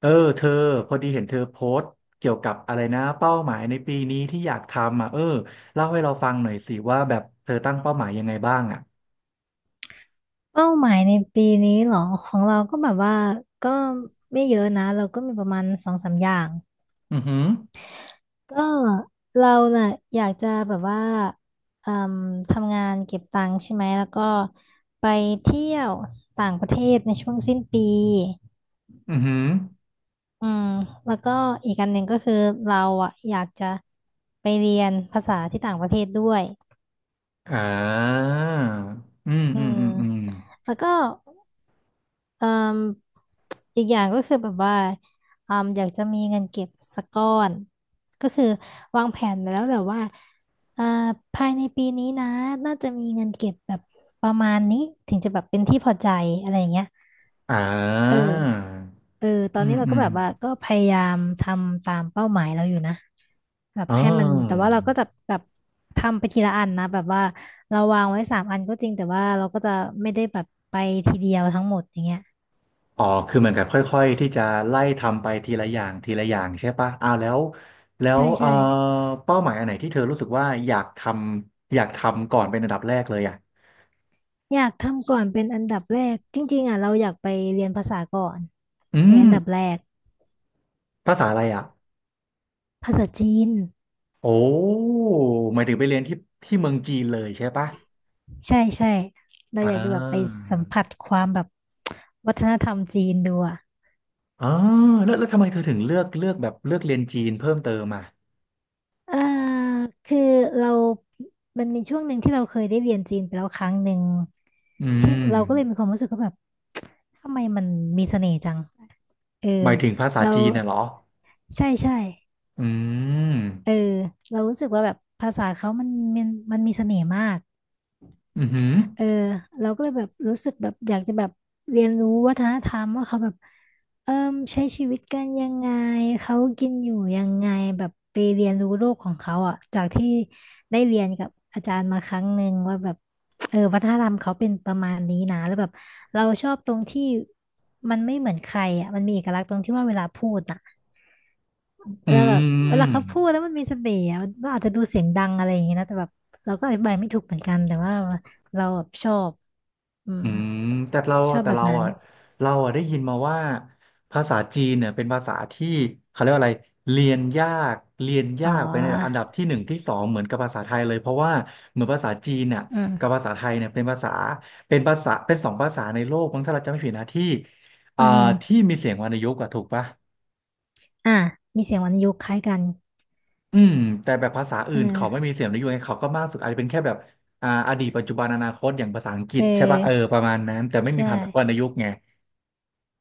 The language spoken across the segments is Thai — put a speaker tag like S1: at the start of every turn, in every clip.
S1: เออเธอพอดีเห็นเธอโพสต์เกี่ยวกับอะไรนะเป้าหมายในปีนี้ที่อยากทำอ่ะเออเล่าให้เราฟังหน่อยสิว่าแบบเธอตั้งเป้าหมายยังไงบ้างอ่ะ
S2: เป้าหมายในปีนี้เหรอของเราก็แบบว่าก็ไม่เยอะนะเราก็มีประมาณสองสามอย่าง
S1: อือหือ
S2: ก็เราน่ะอยากจะแบบว่าเอ่มทำงานเก็บตังค์ใช่ไหมแล้วก็ไปเที่ยวต่างประเทศในช่วงสิ้นปี
S1: อือหือ
S2: อืมแล้วก็อีกอันหนึ่งก็คือเราอ่ะอยากจะไปเรียนภาษาที่ต่างประเทศด้วย
S1: อ่าอืม
S2: อื
S1: อืม
S2: ม
S1: อืมอืม
S2: แล้วก็ เอ่มอีกอย่างก็คือแบบว่าอืมอยากจะมีเงินเก็บสักก้อนก็คือวางแผนไปแล้วแหละว่าเอ่อภายในปีนี้นะน่าจะมีเงินเก็บแบบประมาณนี้ถึงจะแบบเป็นที่พอใจอะไรอย่างเงี้ย
S1: อ่
S2: เออ
S1: า
S2: เออตอ
S1: อื
S2: นนี้
S1: ม
S2: เรา
S1: อื
S2: ก็
S1: ม
S2: แบบว่าก็พยายามทำตามเป้าหมายเราอยู่นะแบบ
S1: อ๋
S2: ให้มันแต่ว่า
S1: อ
S2: เราก็จะแบบทำไปทีละอันนะแบบว่าเราวางไว้สามอันก็จริงแต่ว่าเราก็จะไม่ได้แบบไปทีเดียวทั้งหมดอย่างเงี้ย
S1: อ๋อคือเหมือนกับค่อยๆที่จะไล่ทำไปทีละอย่างทีละอย่างใช่ปะอ่าแล้ว
S2: ใช่ใช่
S1: เป้าหมายอันไหนที่เธอรู้สึกว่าอยากทำก่อนเป็นอันดับแรกเลยอ่ะ
S2: อยากทำก่อนเป็นอันดับแรกจริงๆอ่ะเราอยากไปเรียนภาษาก่อน
S1: อื
S2: ไป
S1: ม
S2: อันดับแรก
S1: ภาษาอะไรอ่ะ
S2: ภาษาจีน
S1: โอ้หมายถึงไปเรียนที่ที่เมืองจีนเลยใช่ปะ
S2: ใช่ใช่เรา
S1: อ่
S2: อยากจะแบบไป
S1: า
S2: สัมผัสความแบบวัฒนธรรมจีนดูอ่ะ
S1: อ๋อแล้วทำไมเธอถึงเลือกเรียนจีนเพิ่มเติมอ่ะ
S2: เออคือเรามันมีช่วงหนึ่งที่เราเคยได้เรียนจีนไปแล้วครั้งหนึ่ง
S1: อื
S2: ที่เราก็เลยมี
S1: ม
S2: ความรู้สึกว่าแบบทำไมมันมีเสน่ห์จังเออ
S1: หมายถึงภาษา
S2: เรา
S1: จีนน่ะเหรอ
S2: ใช่ใช่
S1: อืม
S2: เออเรารู้สึกว่าแบบภาษาเขามันมันมีเสน่ห์มาก
S1: อือหือ
S2: เออเราก็เลยแบบรู้สึกแบบอยากจะแบบเรียนรู้วัฒนธรรมว่าเขาแบบเอิ่มใช้ชีวิตกันยังไงเขากินอยู่ยังไงแบบไปเรียนรู้โลกของเขาอ่ะจากที่ได้เรียนกับอาจารย์มาครั้งหนึ่งว่าแบบเออวัฒนธรรมเขาเป็นประมาณนี้นะแล้วแบบเราชอบตรงที่มันไม่เหมือนใครอ่ะมันมีเอกลักษณ์ตรงที่ว่าเวลาพูดอ่ะ
S1: อื
S2: แล้วแบบเวลา
S1: ม
S2: เขาพูดแล้วมันมีเสน่ห์อะมันอาจจะดูเสียงดังอะไรอย่างเงี้ยนะแต่แบบเราก็อธิบายไม่ถูกเหมือนกันแต่ว่าเราแบบชอบอืม
S1: อืมแต่เรา
S2: ชอบ
S1: แต่
S2: แบบ
S1: เรา
S2: นั้น
S1: อ่ะได้ยินมาว่าภาษาจีนเนี่ยเป็นภาษาที่เขาเรียกว่าอะไรเรียนยากเรียน
S2: อ๋
S1: ยากไปในอัน
S2: อ
S1: ดับที่หนึ่งที่สองเหมือนกับภาษาไทยเลยเพราะว่าเหมือนภาษาจีนเนี่ย
S2: อื
S1: กับภา
S2: ม
S1: ษาไทยเนี่ยเป็นภาษาเป็น2 ภาษาในโลกมั้งถ้าเราจำไม่ผิดนะที่
S2: อื
S1: อ่าที่
S2: ม
S1: มีเสียงวรรณยุกต์อะถูกปะ
S2: อ่ะมีเสียงวรรณยุกต์คล้ายกัน
S1: อืมแต่แบบภาษา
S2: เอ
S1: อื่นเขา
S2: อ
S1: ไม่มีเสียงวรรณยุกไงเขาก็มากสุดอาจจะเป็นแค่แบบอ่าอดีตปัจจุบันอนาคตอย่างภาษาอังกฤ
S2: เอ
S1: ษใช่ปะ
S2: อ
S1: เออประมาณนั้นแต่ไม่มี
S2: ใช
S1: พรรณวรรณ
S2: ่
S1: ยุกต์ไง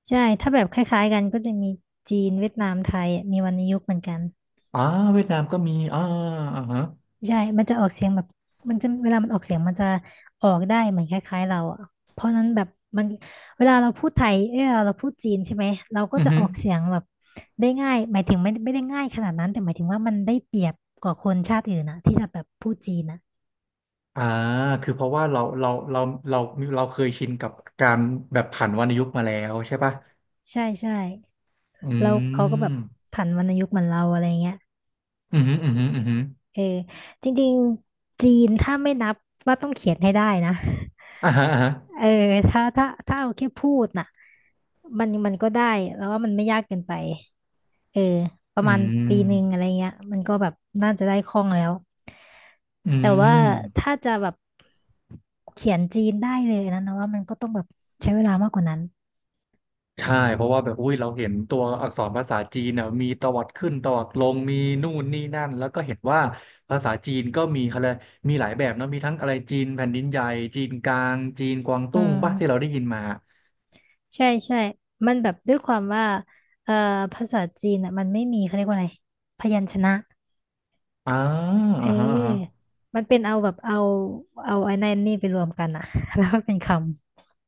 S2: ใช่ถ้าแบบคล้ายๆกันก็จะมีจีนเวียดนามไทยอะมีวรรณยุกต์เหมือนกัน
S1: อ่าเวียดนามก็มีอ่าอ่าฮะ
S2: ใช่มันจะออกเสียงแบบมันจะเวลามันออกเสียงมันจะออกได้เหมือนคล้ายๆเราอ่ะเพราะนั้นแบบมันเวลาเราพูดไทยเออเราพูดจีนใช่ไหมเราก็
S1: อือ
S2: จะ
S1: ฮึ
S2: ออกเสียงแบบได้ง่ายหมายถึงไม่ได้ง่ายขนาดนั้น แต่หมายถึงว่ามันได้เปรียบกว่าคนชาติอื่นนะที่จะแบบพูดจีนนะ
S1: อ่าคือเพราะว่าเราเราเคยชินกับการแบบผันวรรณยุกต์มาแล้วใช่ป่ะ
S2: ใช่ใช่
S1: อื
S2: แล้วเขาก็แบบ
S1: ม
S2: ผันวรรณยุกต์เหมือนเราอะไรเงี้ย
S1: อืมอืมอืม
S2: เออจริงๆจีนถ้าไม่นับว่าต้องเขียนให้ได้นะ
S1: อ่าฮะอ่าฮะ
S2: เออถ้าเอาแค่พูดน่ะมันก็ได้แล้วว่ามันไม่ยากเกินไปเออป
S1: อื
S2: ระมาณปีหนึ่งอะ
S1: ม
S2: ไรเงี้ยมันก็แบบน่าจะได้คล่องแล้ว
S1: อื
S2: แต่ว่า
S1: ม
S2: ถ้าจะแบบเขียนจีนได้เลยนะว่ามันก็ต้องแบบใช้เวลามากกว่านั้น
S1: ใช่เพราะว่าแบบอุ้ยเราเห็นตัวอักษรภาษาจีนน่ะมีตวัดขึ้นตวัดลงมีนู่นนี่นั่นแล้วก็เห็นว่าภาษาจีนก็มีอะไรยกมีหลายแบบเนอะมีทั้งอะไรจีนแผ่นดินใหญ่จีนกลางจีนกวาง
S2: อื
S1: ตุ้งป่ะที่เรา
S2: ม
S1: ได้ยินมา
S2: ใช่ใช่มันแบบด้วยความว่าเอ่อภาษาจีนอ่ะมันไม่มีเขาเรียกว่าอะไรพยัญชนะ
S1: อ่า
S2: เ
S1: อ่าฮะอ่าฮะ
S2: ออมันเป็นเอาแบบเอาไอ้นั่นนี่ไปรวมกันอะ แล้วก็เป็นคำ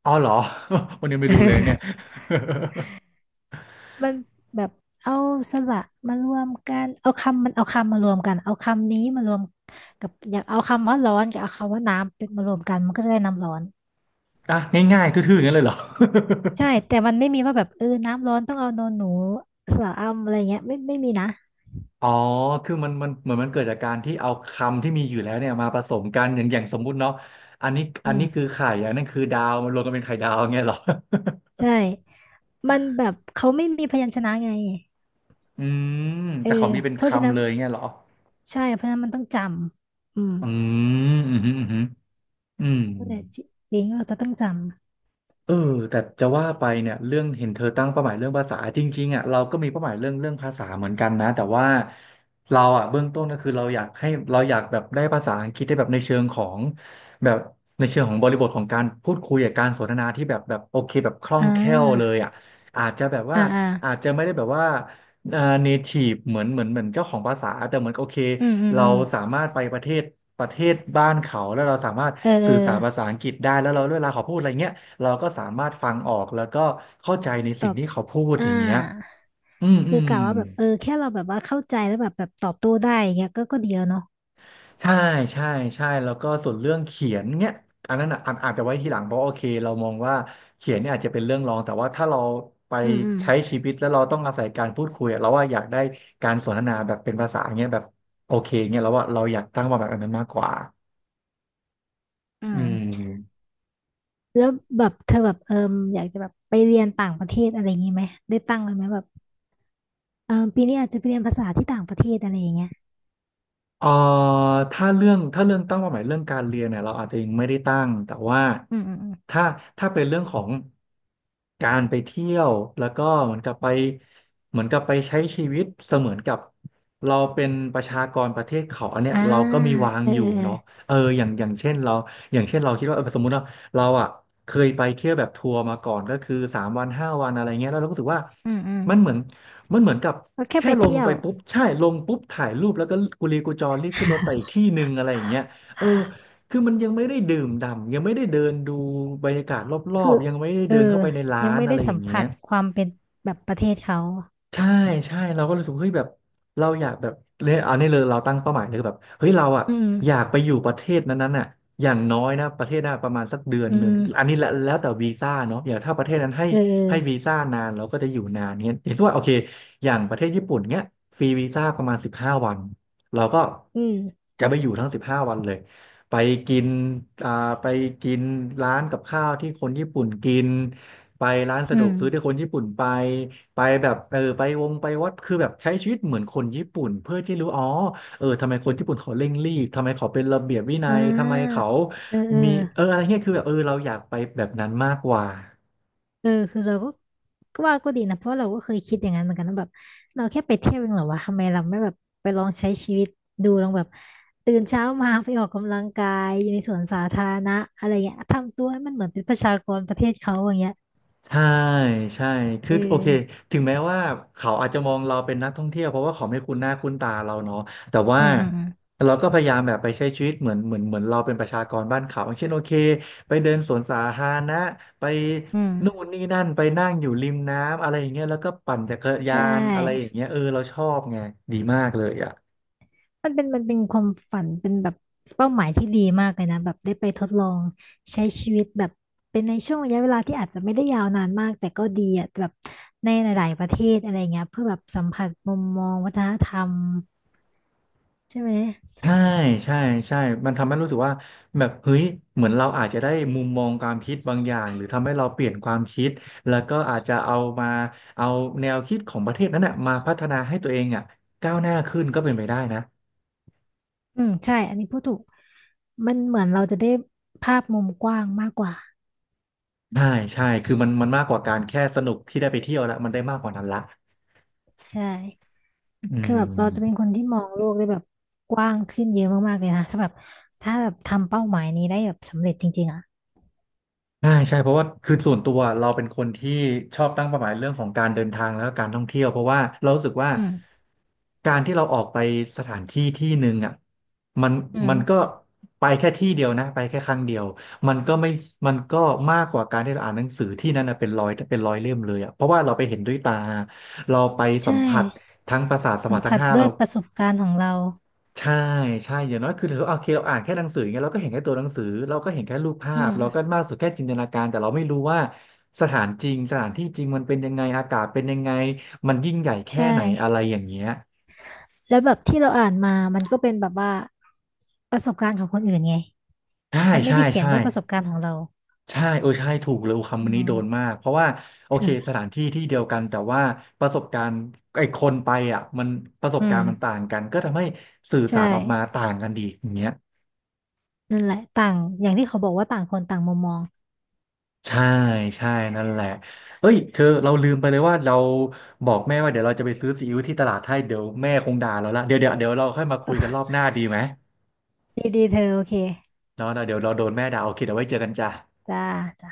S1: อ๋อเหรอ วันนี้ไม่
S2: เ
S1: รู้เลยเนี่ย
S2: ออมันแบบเอาสระมารวมกันเอาคำมันเอาคำมารวมกันเอาคำนี้มารวมกับอยากเอาคำว่าร้อนกับเอาคำว่าน้ำเป็นมารวมกันมันก็จะได้น้ำร้อน
S1: อ่ะง่ายๆทื่อๆอย่างนั้นเลยเหรอ
S2: ใช่แต่มันไม่มีว่าแบบเออน้ำร้อนต้องเอาโนนหนูสระอำอะไรเงี้ยไม่มีนะ
S1: อ๋อคือมันเหมือนมันเกิดจากการที่เอาคำที่มีอยู่แล้วเนี่ยมาผสมกันอย่างสมมุติเนาะ อันนี้
S2: อื
S1: อัน
S2: ม
S1: นี้คือไข่อันนั้นคือดาวมันรวมกันเป็นไข่ดาวเงี้ยเหรอ
S2: ใช่มันแบบเขาไม่มีพยัญชนะไง
S1: อืม
S2: เออ
S1: แต่เขามีเป็น
S2: เพราะฉะนั้
S1: คำ
S2: น
S1: เลยเงี้ยเหรอ
S2: ใช่เพราะฉะนั้นมันต้องจำอืม
S1: อืมอืมอืมอืมอืม
S2: นั่นแหละจิลิงก์เราจะต้องจ
S1: เออแต่จะว่าไปเนี่ยเรื่องเห็นเธอตั้งเป้าหมายเรื่องภาษาจริงๆอ่ะเราก็มีเป้าหมายเรื่องภาษาเหมือนกันนะแต่ว่าเราอ่ะเบื้องต้นก็คือเราอยากให้เราอยากแบบได้ภาษาอังกฤษได้แบบในเชิงของแบบในเชิงของบริบทของการพูดคุยกับการสนทนาที่แบบแบบโอเคแบบคล่อ
S2: ำอ่
S1: งแคล่วเล
S2: า
S1: ยอ่ะอาจจะแบบว่า
S2: อ่าอ่า
S1: อาจจะไม่ได้แบบว่าเอ่อ native เหมือนเจ้าของภาษาแต่เหมือนโอเค
S2: อืมอืม
S1: เรา
S2: อืม
S1: สามารถไปประเทศบ้านเขาแล้วเราสามารถ
S2: เออเอ
S1: สื่
S2: อ
S1: อสารภาษาอังกฤษได้แล้วเราเวลาเขาพูดอะไรเงี้ย เราก็สามารถฟังออกแล้วก็เข้าใจใน
S2: ต
S1: สิ่
S2: อ
S1: ง
S2: บ
S1: ที่เขาพูด
S2: อ่า
S1: อย่างเงี้ยอืมอื
S2: คือ
S1: ม
S2: กะว่าแบบเออแค่เราแบบว่าเข้าใจแล้วแบบแบบตอบโต้ได้อย่างเงี้ยก็ก็ดีแล้วเนาะ
S1: ใช่ใช่ใช่ แล้วก็ส่วนเรื่องเขียนเนี้ยอันนั้นอ่ะอาจจะไว้ทีหลังเพราะโอเคเรามองว่าเขียนเนี่ยอาจจะเป็นเรื่องรองแต่ว่าถ้าเราไป
S2: อืมอืม
S1: ใช้ชีวิตแล้วเราต้องอาศัยการพูดคุยอะเราว่าอยากได้การสนทนาแบบเป็นภาษาเงี้ยแบบโอเคเงี้ยแล้วว่าเราอยากตั้งมาแบบอันนั้นมากกว่า
S2: อื
S1: อื
S2: ม
S1: ม
S2: แล้วแบบเธอแบบเอออยากจะแบบไปเรียนต่างประเทศอะไรอย่างงี้ไหมได้ตั้งไว้ไหมแบบเออปีนี้อาจจะไปเรียนภาษาที่ต่างประเทศอะไรอย่างเงี้ย
S1: เอ่อถ้าเรื่องตั้งเป้าหมายเรื่องการเรียนเนี่ยเราอาจจะยังไม่ได้ตั้งแต่ว่า
S2: อืมอืมอืม
S1: ถ้าถ้าเป็นเรื่องของการไปเที่ยวแล้วก็เหมือนกับไปใช้ชีวิตเสมือนกับเราเป็นประชากรประเทศเขาอันเนี้ย
S2: อ่า
S1: เราก็มีวาง
S2: เออ
S1: อยู่
S2: เออเอ
S1: เนาะ
S2: อ
S1: เอออย่างเช่นเราอย่างเช่นเราคิดว่าเออสมมุติว่าเราอ่ะเคยไปเที่ยวแบบทัวร์มาก่อนก็คือ3 วัน5 วันอะไรเงี้ยแล้วเราก็รู้สึกว่า
S2: อืมอืม
S1: มันเหมือน มันเหมือนกับ
S2: ก็แค่
S1: แค่
S2: ไป
S1: ลง
S2: เที่ย
S1: ไป
S2: ว
S1: ปุ๊บใช่ลงปุ๊บถ่ายรูปแล้วก็กุลีกุจอรีบขึ้นรถไปอีกที่หนึ่งอะไรอย่างเงี้ยเออคือมันยังไม่ได้ดื่มด่ำยังไม่ได้เดินดูบรรยากาศรอ
S2: คื
S1: บ
S2: อ
S1: ๆยังไม่ได้
S2: เอ
S1: เดิน
S2: อ
S1: เข้าไปในร้า
S2: ยัง
S1: น
S2: ไม่
S1: อะ
S2: ได้
S1: ไรอ
S2: สั
S1: ย่า
S2: ม
S1: งเงี้
S2: ผั
S1: ย
S2: สความเป็นแบบประเทศเขา
S1: ใช่ใช่เราก็รู้สึกเฮ้ยแบบเราอยากแบบเนี่ยเอาเนี่เลยเราตั้งเป้าหมายเลยคือแบบเฮ้ยเราอ่ะ
S2: อืม
S1: อยากไปอยู่ประเทศนั้นๆน่ะอย่างน้อยนะประเทศน่ะประมาณสักเดือน
S2: อื
S1: หนึ่งอัน
S2: ม
S1: นี้แล้วแต่วีซ่าเนาะอย่างถ้าประเทศนั้นให้
S2: เอ
S1: ให้วี
S2: อ
S1: ซ่านานเราก็จะอยู่นานเงี้ยอย่างเช่ว่าโอเคอย่างประเทศญี่ปุ่นเงี้ยฟรีวีซ่าประมาณสิบห้าวันเราก็
S2: อืม
S1: จะไปอยู่ทั้งสิบห้าวันเลยไปกินอ่าไปกินร้านกับข้าวที่คนญี่ปุ่นกินไปร้านสะ
S2: อื
S1: ดว
S2: ม
S1: กซื้อที่คนญี่ปุ่นไป ไปแบบเออไปวงไปวัดคือแบบใช้ชีวิตเหมือนคนญี่ปุ่นเพื่อที่รู้อ๋อเออทำไมคนญี่ปุ่นเขาเร่งรีบทำไมเขาเป็นระเบียบวินั
S2: อ่
S1: ยทำไม
S2: า
S1: เขา
S2: เออเออ
S1: มีเอออะไรเงี้ยคือแบบเออเราอยากไปแบบนั้นมากกว่า
S2: เออคือเราก็ก็ว่าก็ดีนะเพราะเราก็เคยคิดอย่างนั้นเหมือนกันนะแบบเราแค่ไปเที่ยวเองเหรอวะทำไมเราไม่แบบไปลองใช้ชีวิตดูลองแบบตื่นเช้ามาไปออกกำลังกายอยู่ในสวนสาธารณะอะไรเงี้ยทำตัวให้มันเหมือนเป็นประชากรประเทศเขาอย่างเงี้ย
S1: ใช่ใช่
S2: เอ
S1: คือโอเค
S2: อ
S1: ถึงแม้ว่าเขาอาจจะมองเราเป็นนักท่องเที่ยวเพราะว่าเขาไม่คุ้นหน้าคุ้นตาเราเนาะแต่ว่า
S2: อืมอืมอืม
S1: เราก็พยายามแบบไปใช้ชีวิตเหมือนเราเป็นประชากรบ้านเขาอย่างเช่นโอเค ไปเดินสวนสาธารณะไป
S2: อื
S1: นู่น
S2: ม
S1: นี่นั่นไปนั่งอยู่ริมน้ำอะไรอย่างเงี้ยแล้วก็ปั่นจักรยา
S2: ใช่
S1: นอะไรอย่างเงี้ยเออเราชอบไงดีมากเลยอ่ะ
S2: มันเป็นมันเป็นความฝันเป็นแบบเป้าหมายที่ดีมากเลยนะแบบได้ไปทดลองใช้ชีวิตแบบเป็นในช่วงระยะเวลาที่อาจจะไม่ได้ยาวนานมากแต่ก็ดีอ่ะแบบในหลายๆประเทศอะไรเงี้ยเพื่อแบบสัมผัสมุมมองวัฒนธรรมใช่ไหม
S1: ใช่ใช่ใช่ มันทำให้รู้สึกว่าแบบเฮ้ยเหมือนเราอาจจะได้มุมมองความคิดบางอย่างหรือทำให้เราเปลี่ยนความคิดแล้วก็อาจจะเอาแนวคิดของประเทศนั้นน่ะมาพัฒนาให้ตัวเองอ่ะก้าวหน้าขึ้นก็เป็นไปได้นะ
S2: อืมใช่อันนี้พูดถูกมันเหมือนเราจะได้ภาพมุมกว้างมากกว่า
S1: ใช่ใช่คือมันมากกว่าการแค่สนุกที่ได้ไปเที่ยวละมันได้มากกว่านั้นละ
S2: ใช่
S1: อื
S2: คือแบ
S1: ม
S2: บเราจะเป็นคนที่มองโลกได้แบบกว้างขึ้นเยอะมากๆเลยนะถ้าแบบถ้าแบบทำเป้าหมายนี้ได้แบบสำเร็จจริงๆอ่ะ
S1: ใช่ใช่เพราะว่าคือส่วนตัวเราเป็นคนที่ชอบตั้งเป้าหมายเรื่องของการเดินทางแล้วก็การท่องเที่ยวเพราะว่าเรารู้สึกว่า
S2: อืม
S1: การที่เราออกไปสถานที่ที่หนึ่งอ่ะมัน
S2: อื
S1: มันก็
S2: ม
S1: ไปแค่ที่เดียวนะไปแค่ครั้งเดียวมันก็ไม่มันก็มากกว่าการที่เราอ่านหนังสือที่นั่นนะเป็นร้อยเล่มเลยอ่ะเพราะว่าเราไปเห็นด้วยตาเราไปสั
S2: ใช่
S1: มผัสทั้งประสาทสัม
S2: สัม
S1: ผัสทั้
S2: ผั
S1: ง
S2: ส
S1: ห้า
S2: ด้ว
S1: เรา
S2: ยประสบการณ์ของเรา
S1: ใช่ใช่อย่างน้อยคือถือว่าโอเคเราอ่านแค่หนังสืออย่างเงี้ยเราก็เห็นแค่ตัวหนังสือเราก็เห็นแค่รูปภา
S2: อื
S1: พ
S2: ม
S1: เราก็มากสุดแค่จินตนาการแต่เราไม่รู้ว่าสถานจริงสถานที่จริงมันเป็นยังไงอากาศเป็นยังไงมันยิ่งใหญ่แค่
S2: ใช่
S1: ไหนอะไรอย่างเงี้ย
S2: แล้วแบบที่เราอ่านมามันก็เป็นแบบว่าประสบการณ์ของคนอื่นไง
S1: ใช่
S2: มันไม่
S1: ใช่
S2: ได้เขียน
S1: ใช่
S2: ด้วยประสบการณ์ของเรา
S1: ใช่เออใช่ถูกเลย
S2: อื
S1: คำนี้โดน
S2: ม
S1: มากเพราะว่าโอเคส
S2: ค่ะ
S1: ถานที่ที่เดียวกันแต่ว่าประสบการณ์ไอ้คนไปอ่ะมันประสบ
S2: อื
S1: กา
S2: ม
S1: รณ์มันต่างกันก็ทำให้สื่อ
S2: ใช
S1: สารออกมา
S2: ่
S1: ต่างกันดีอย่างเงี้ย
S2: นั่นแหละต่างอย่างที่เขาบอกว่าต่างคนต่างมุมมอง
S1: ใช่ใช่นั่นแหละเอ้ยเธอเราลืมไปเลยว่าเราบอกแม่ว่าเดี๋ยวเราจะไปซื้อซีอิ๊วที่ตลาดให้เดี๋ยวแม่คงด่าเราละเดี๋ยวเราค่อยมาคุยกันรอบหน้าดีไหม
S2: ดีดีเธอโอเค
S1: เนาะเนาะเดี๋ยวเราโดนแม่ด่าโอเคเดี๋ยวไว้เจอกันจ้ะ
S2: จ้าจ้า